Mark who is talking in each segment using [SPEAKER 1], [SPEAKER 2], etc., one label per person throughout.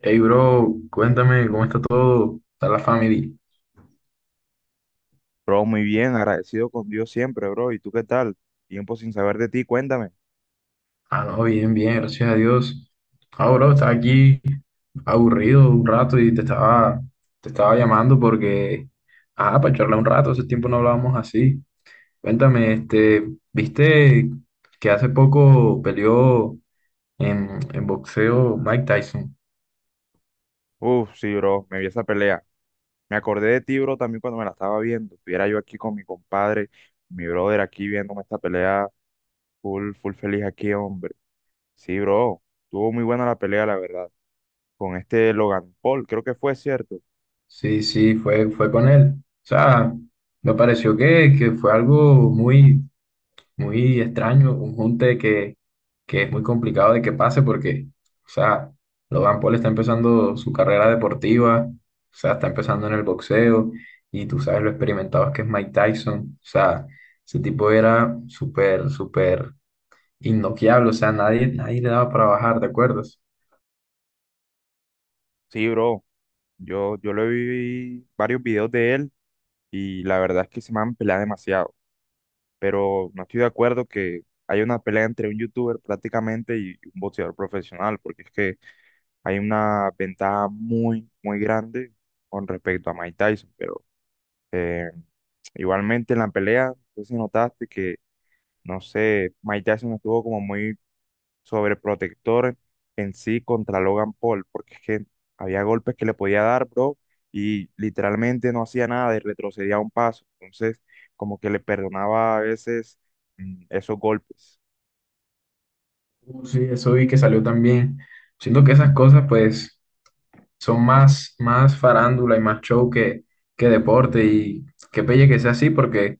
[SPEAKER 1] Hey, bro, cuéntame cómo está todo, está la familia.
[SPEAKER 2] Bro, muy bien, agradecido con Dios siempre, bro. ¿Y tú qué tal? Tiempo sin saber de ti, cuéntame.
[SPEAKER 1] Ah, no, bien, bien, gracias a Dios. Ah, bro, estaba aquí aburrido un rato y te estaba llamando porque, para charlar un rato, hace tiempo no hablábamos así. Cuéntame, ¿viste que hace poco peleó en boxeo Mike Tyson?
[SPEAKER 2] Uf, sí, bro, me vi esa pelea. Me acordé de ti, bro, también cuando me la estaba viendo. Estuviera yo aquí con mi compadre, mi brother aquí viéndome esta pelea, full, full feliz aquí, hombre. Sí, bro, tuvo muy buena la pelea, la verdad. Con este Logan Paul, creo que fue cierto.
[SPEAKER 1] Sí, sí, fue con él. O sea, me pareció que fue algo muy extraño, un junte que es muy complicado de que pase porque, o sea, Logan Paul está empezando su carrera deportiva, o sea, está empezando en el boxeo y tú sabes lo experimentado que es Mike Tyson. O sea, ese tipo era súper, súper innoqueable. O sea, nadie, nadie le daba para bajar, ¿te acuerdas?
[SPEAKER 2] Sí, bro, yo le vi varios videos de él y la verdad es que se me han peleado demasiado, pero no estoy de acuerdo que haya una pelea entre un youtuber prácticamente y un boxeador profesional, porque es que hay una ventaja muy, muy grande con respecto a Mike Tyson, pero eh, igualmente en la pelea, no sé si notaste que, no sé, Mike Tyson estuvo como muy sobreprotector en sí contra Logan Paul, porque es que había golpes que le podía dar, bro, y literalmente no hacía nada y retrocedía un paso. Entonces, como que le perdonaba a veces esos golpes.
[SPEAKER 1] Sí, eso vi que salió también. Siento que esas cosas, pues son más, más farándula y más show que deporte. Y qué pelle que sea así, porque,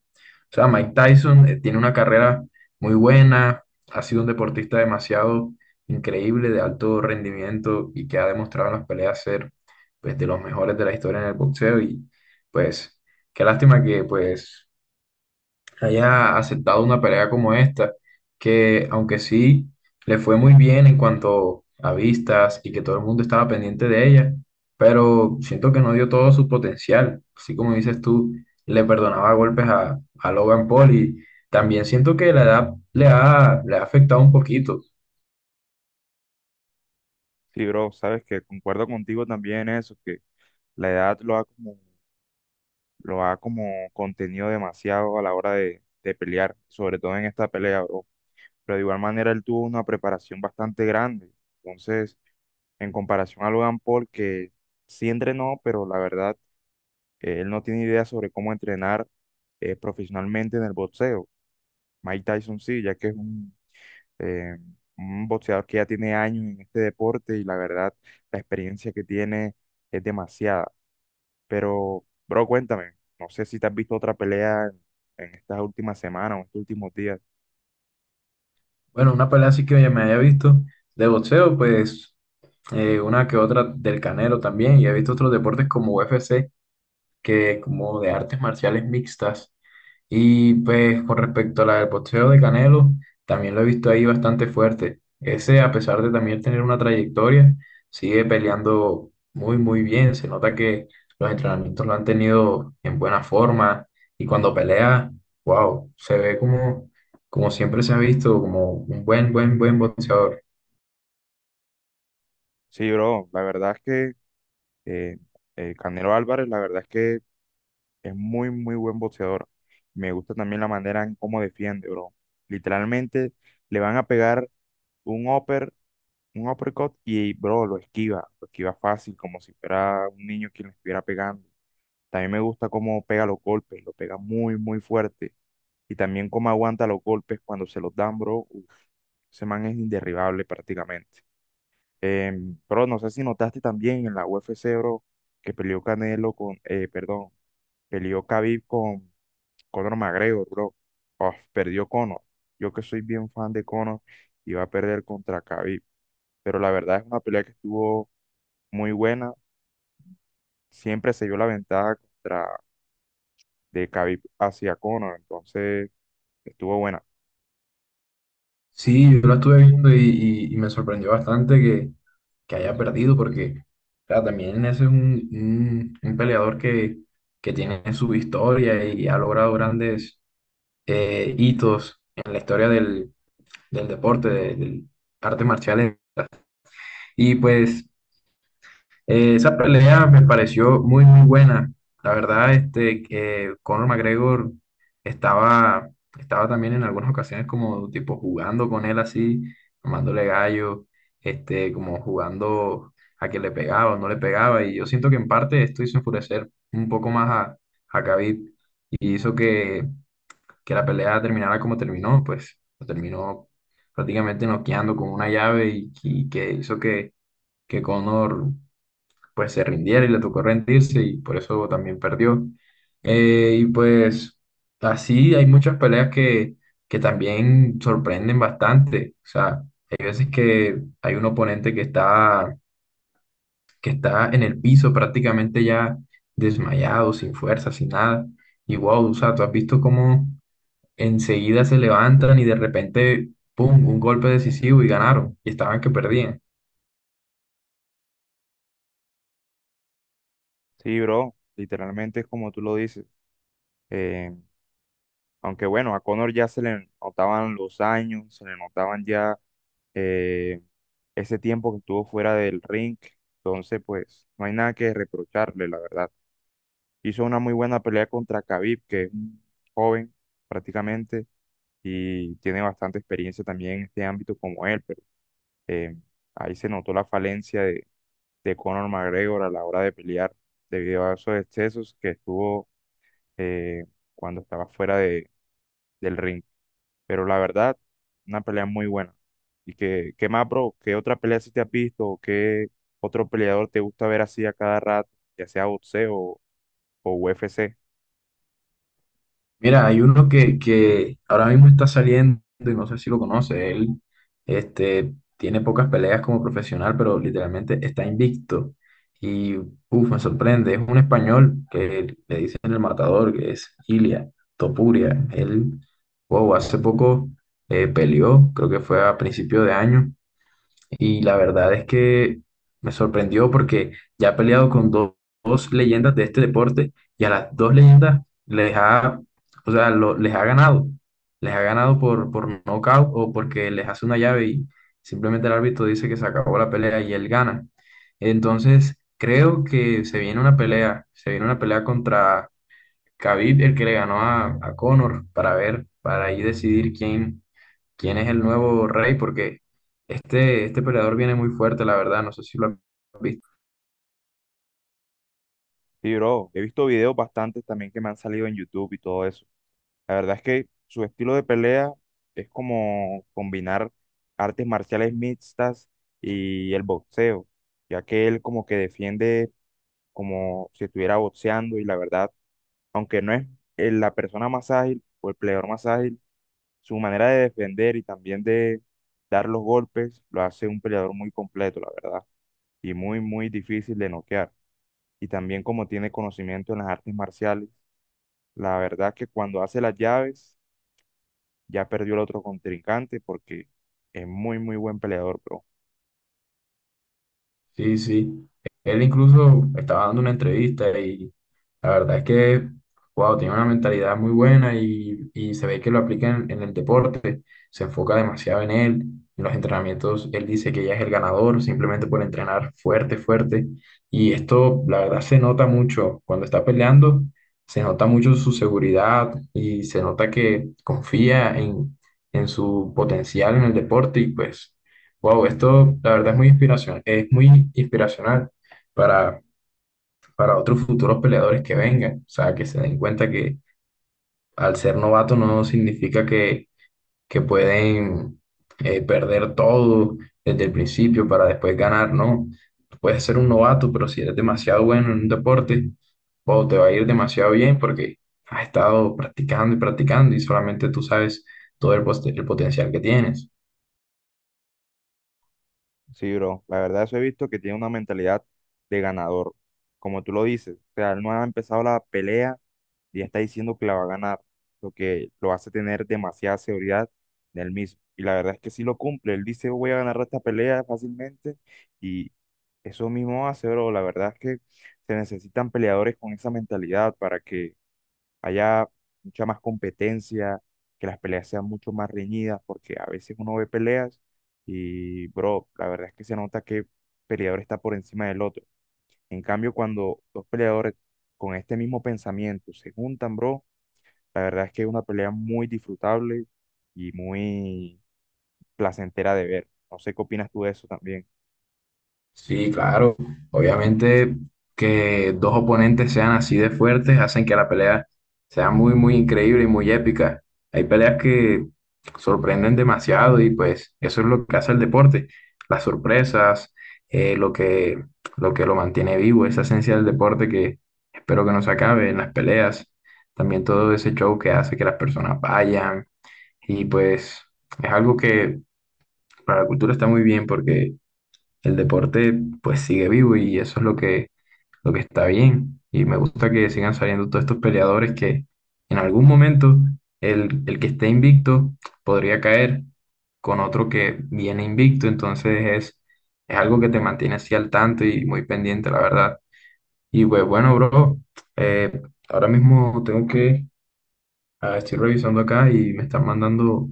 [SPEAKER 1] o sea, Mike Tyson tiene una carrera muy buena, ha sido un deportista demasiado increíble, de alto rendimiento y que ha demostrado en las peleas ser, pues, de los mejores de la historia en el boxeo. Y, pues, qué lástima pues, que haya aceptado una pelea como esta, que aunque sí le fue muy bien en cuanto a vistas y que todo el mundo estaba pendiente de ella, pero siento que no dio todo su potencial. Así como dices tú, le perdonaba golpes a Logan Paul y también siento que la edad le ha afectado un poquito.
[SPEAKER 2] Sí, bro, sabes que concuerdo contigo también en eso, que la edad lo ha como contenido demasiado a la hora de pelear, sobre todo en esta pelea, bro. Pero de igual manera él tuvo una preparación bastante grande. Entonces, en comparación a Logan Paul, que sí entrenó, pero la verdad, él no tiene idea sobre cómo entrenar profesionalmente en el boxeo. Mike Tyson sí, ya que es eh, un boxeador que ya tiene años en este deporte y la verdad, la experiencia que tiene es demasiada. Pero, bro, cuéntame, no sé si te has visto otra pelea en estas últimas semanas o estos últimos días.
[SPEAKER 1] Bueno, una pelea así que ya me haya visto de boxeo, pues una que otra del Canelo también, y he visto otros deportes como UFC, que como de artes marciales mixtas. Y pues con respecto a la del boxeo de Canelo, también lo he visto ahí bastante fuerte. Ese, a pesar de también tener una trayectoria, sigue peleando muy, muy bien. Se nota que los entrenamientos lo han tenido en buena forma y cuando pelea, wow, se ve como, como siempre se ha visto, como un buen, buen, buen boxeador.
[SPEAKER 2] Sí, bro, la verdad es que eh, Canelo Álvarez, la verdad es que es muy, muy buen boxeador. Me gusta también la manera en cómo defiende, bro. Literalmente le van a pegar un upper, un uppercut y, bro, lo esquiva. Lo esquiva fácil, como si fuera un niño quien le estuviera pegando. También me gusta cómo pega los golpes, lo pega muy, muy fuerte. Y también cómo aguanta los golpes cuando se los dan, bro. Uf, ese man es inderribable prácticamente. Bro, no sé si notaste también en la UFC, bro, que peleó Canelo con, perdón, peleó Khabib con Conor McGregor, bro. Oh, perdió Conor. Yo que soy bien fan de Conor, iba a perder contra Khabib. Pero la verdad es una pelea que estuvo muy buena. Siempre se vio la ventaja contra de Khabib hacia Conor. Entonces, estuvo buena.
[SPEAKER 1] Sí, yo lo estuve viendo y me sorprendió bastante que haya perdido, porque claro, también ese es un peleador que tiene su historia y ha logrado grandes hitos en la historia del deporte, del arte marcial. Y pues esa pelea me pareció muy, muy buena. La verdad, este, que Conor McGregor estaba, estaba también en algunas ocasiones como tipo jugando con él así, tomándole gallo, este, como jugando a que le pegaba o no le pegaba. Y yo siento que en parte esto hizo enfurecer un poco más a Khabib y hizo que la pelea terminara como terminó, pues lo terminó prácticamente noqueando con una llave y que hizo que Conor pues se rindiera y le tocó rendirse y por eso también perdió. Y pues así hay muchas peleas que también sorprenden bastante. O sea, hay veces que hay un oponente que está en el piso prácticamente ya desmayado, sin fuerza, sin nada. Y wow, o sea, tú has visto cómo enseguida se levantan y de repente, ¡pum!, un golpe decisivo y ganaron. Y estaban que perdían.
[SPEAKER 2] Sí, bro. Literalmente es como tú lo dices. Eh, Aunque bueno, a Conor ya se le notaban los años, se le notaban ya eh, ese tiempo que estuvo fuera del ring. Entonces, pues, no hay nada que reprocharle, la verdad. Hizo una muy buena pelea contra Khabib, que es un joven prácticamente y tiene bastante experiencia también en este ámbito como él, pero eh, ahí se notó la falencia de Conor McGregor a la hora de pelear debido a esos excesos que estuvo eh, cuando estaba fuera de, del ring. Pero la verdad, una pelea muy buena. ¿Y qué más, bro? ¿Qué otra pelea si te has visto? ¿O qué otro peleador te gusta ver así a cada rato, ya sea boxeo o UFC?
[SPEAKER 1] Mira, hay uno que ahora mismo está saliendo y no sé si lo conoce. Él este, tiene pocas peleas como profesional, pero literalmente está invicto. Y uff, me sorprende. Es un español que le dicen el matador, que es Ilia Topuria. Él, wow, hace poco peleó, creo que fue a principio de año. Y la verdad es que me sorprendió porque ya ha peleado con dos leyendas de este deporte y a las dos leyendas les ha, o sea, les ha ganado. Les ha ganado por nocaut o porque les hace una llave y simplemente el árbitro dice que se acabó la pelea y él gana. Entonces, creo que se viene se viene una pelea contra Khabib, el que le ganó a Conor, para ver, para ahí decidir quién es el nuevo rey, porque este peleador viene muy fuerte, la verdad, no sé si lo han visto.
[SPEAKER 2] Y bro, he visto videos bastantes también que me han salido en YouTube y todo eso. La verdad es que su estilo de pelea es como combinar artes marciales mixtas y el boxeo, ya que él como que defiende como si estuviera boxeando y la verdad, aunque no es la persona más ágil o el peleador más ágil, su manera de defender y también de dar los golpes lo hace un peleador muy completo, la verdad, y muy, muy difícil de noquear. Y también como tiene conocimiento en las artes marciales, la verdad que cuando hace las llaves, ya perdió el otro contrincante porque es muy, muy buen peleador, bro.
[SPEAKER 1] Sí, sí. Él incluso estaba dando una entrevista y la verdad es wow, tiene una mentalidad muy buena y se ve que lo aplica en el deporte, se enfoca demasiado en él. En los entrenamientos, él dice que ya es el ganador simplemente por entrenar fuerte, fuerte. Y esto, la verdad, se nota mucho cuando está peleando, se nota mucho su seguridad y se nota que confía en su potencial en el deporte y pues... Wow, esto la verdad es muy inspiración, es muy inspiracional para, para otros futuros peleadores que vengan. O sea, que se den cuenta que al ser novato no significa que pueden perder todo desde el principio para después ganar, no. Puedes ser un novato, pero si eres demasiado bueno en un deporte, wow, te va a ir demasiado bien porque has estado practicando y practicando y solamente tú sabes todo el, el potencial que tienes.
[SPEAKER 2] Sí, bro. La verdad, eso he visto que tiene una mentalidad de ganador. Como tú lo dices, o sea, él no ha empezado la pelea y ya está diciendo que la va a ganar, lo que lo hace tener demasiada seguridad en él mismo. Y la verdad es que sí lo cumple. Él dice, voy a ganar esta pelea fácilmente y eso mismo hace, bro. La verdad es que se necesitan peleadores con esa mentalidad para que haya mucha más competencia, que las peleas sean mucho más reñidas, porque a veces uno ve peleas y, bro, la verdad es que se nota que peleador está por encima del otro. En cambio, cuando dos peleadores con este mismo pensamiento se juntan, bro, la verdad es que es una pelea muy disfrutable y muy placentera de ver. No sé qué opinas tú de eso también.
[SPEAKER 1] Sí, claro. Obviamente que dos oponentes sean así de fuertes hacen que la pelea sea muy, muy increíble y muy épica. Hay peleas que sorprenden demasiado y pues eso es lo que hace el deporte. Las sorpresas, eh, lo que, lo que lo mantiene vivo, esa esencia del deporte que espero que no se acabe en las peleas. También todo ese show que hace que las personas vayan y pues es algo que para la cultura está muy bien porque el deporte pues sigue vivo y eso es lo que está bien. Y me gusta que sigan saliendo todos estos peleadores que en algún momento el que esté invicto podría caer con otro que viene invicto. Es algo que te mantiene así al tanto y muy pendiente, la verdad. Y pues bueno, bro, eh, ahora mismo tengo que... Ah, estoy revisando acá y me están mandando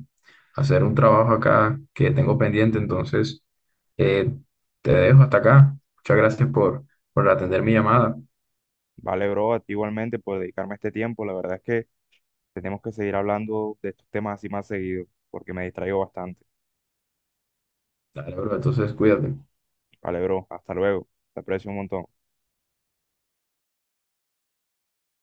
[SPEAKER 1] a hacer un trabajo acá que tengo pendiente, entonces eh, te dejo hasta acá. Muchas gracias por atender mi llamada.
[SPEAKER 2] Vale, bro, a ti igualmente por dedicarme este tiempo. La verdad es que tenemos que seguir hablando de estos temas así más seguido, porque me distraigo bastante.
[SPEAKER 1] Dale, bro, entonces cuídate.
[SPEAKER 2] Vale, bro, hasta luego. Te aprecio un montón.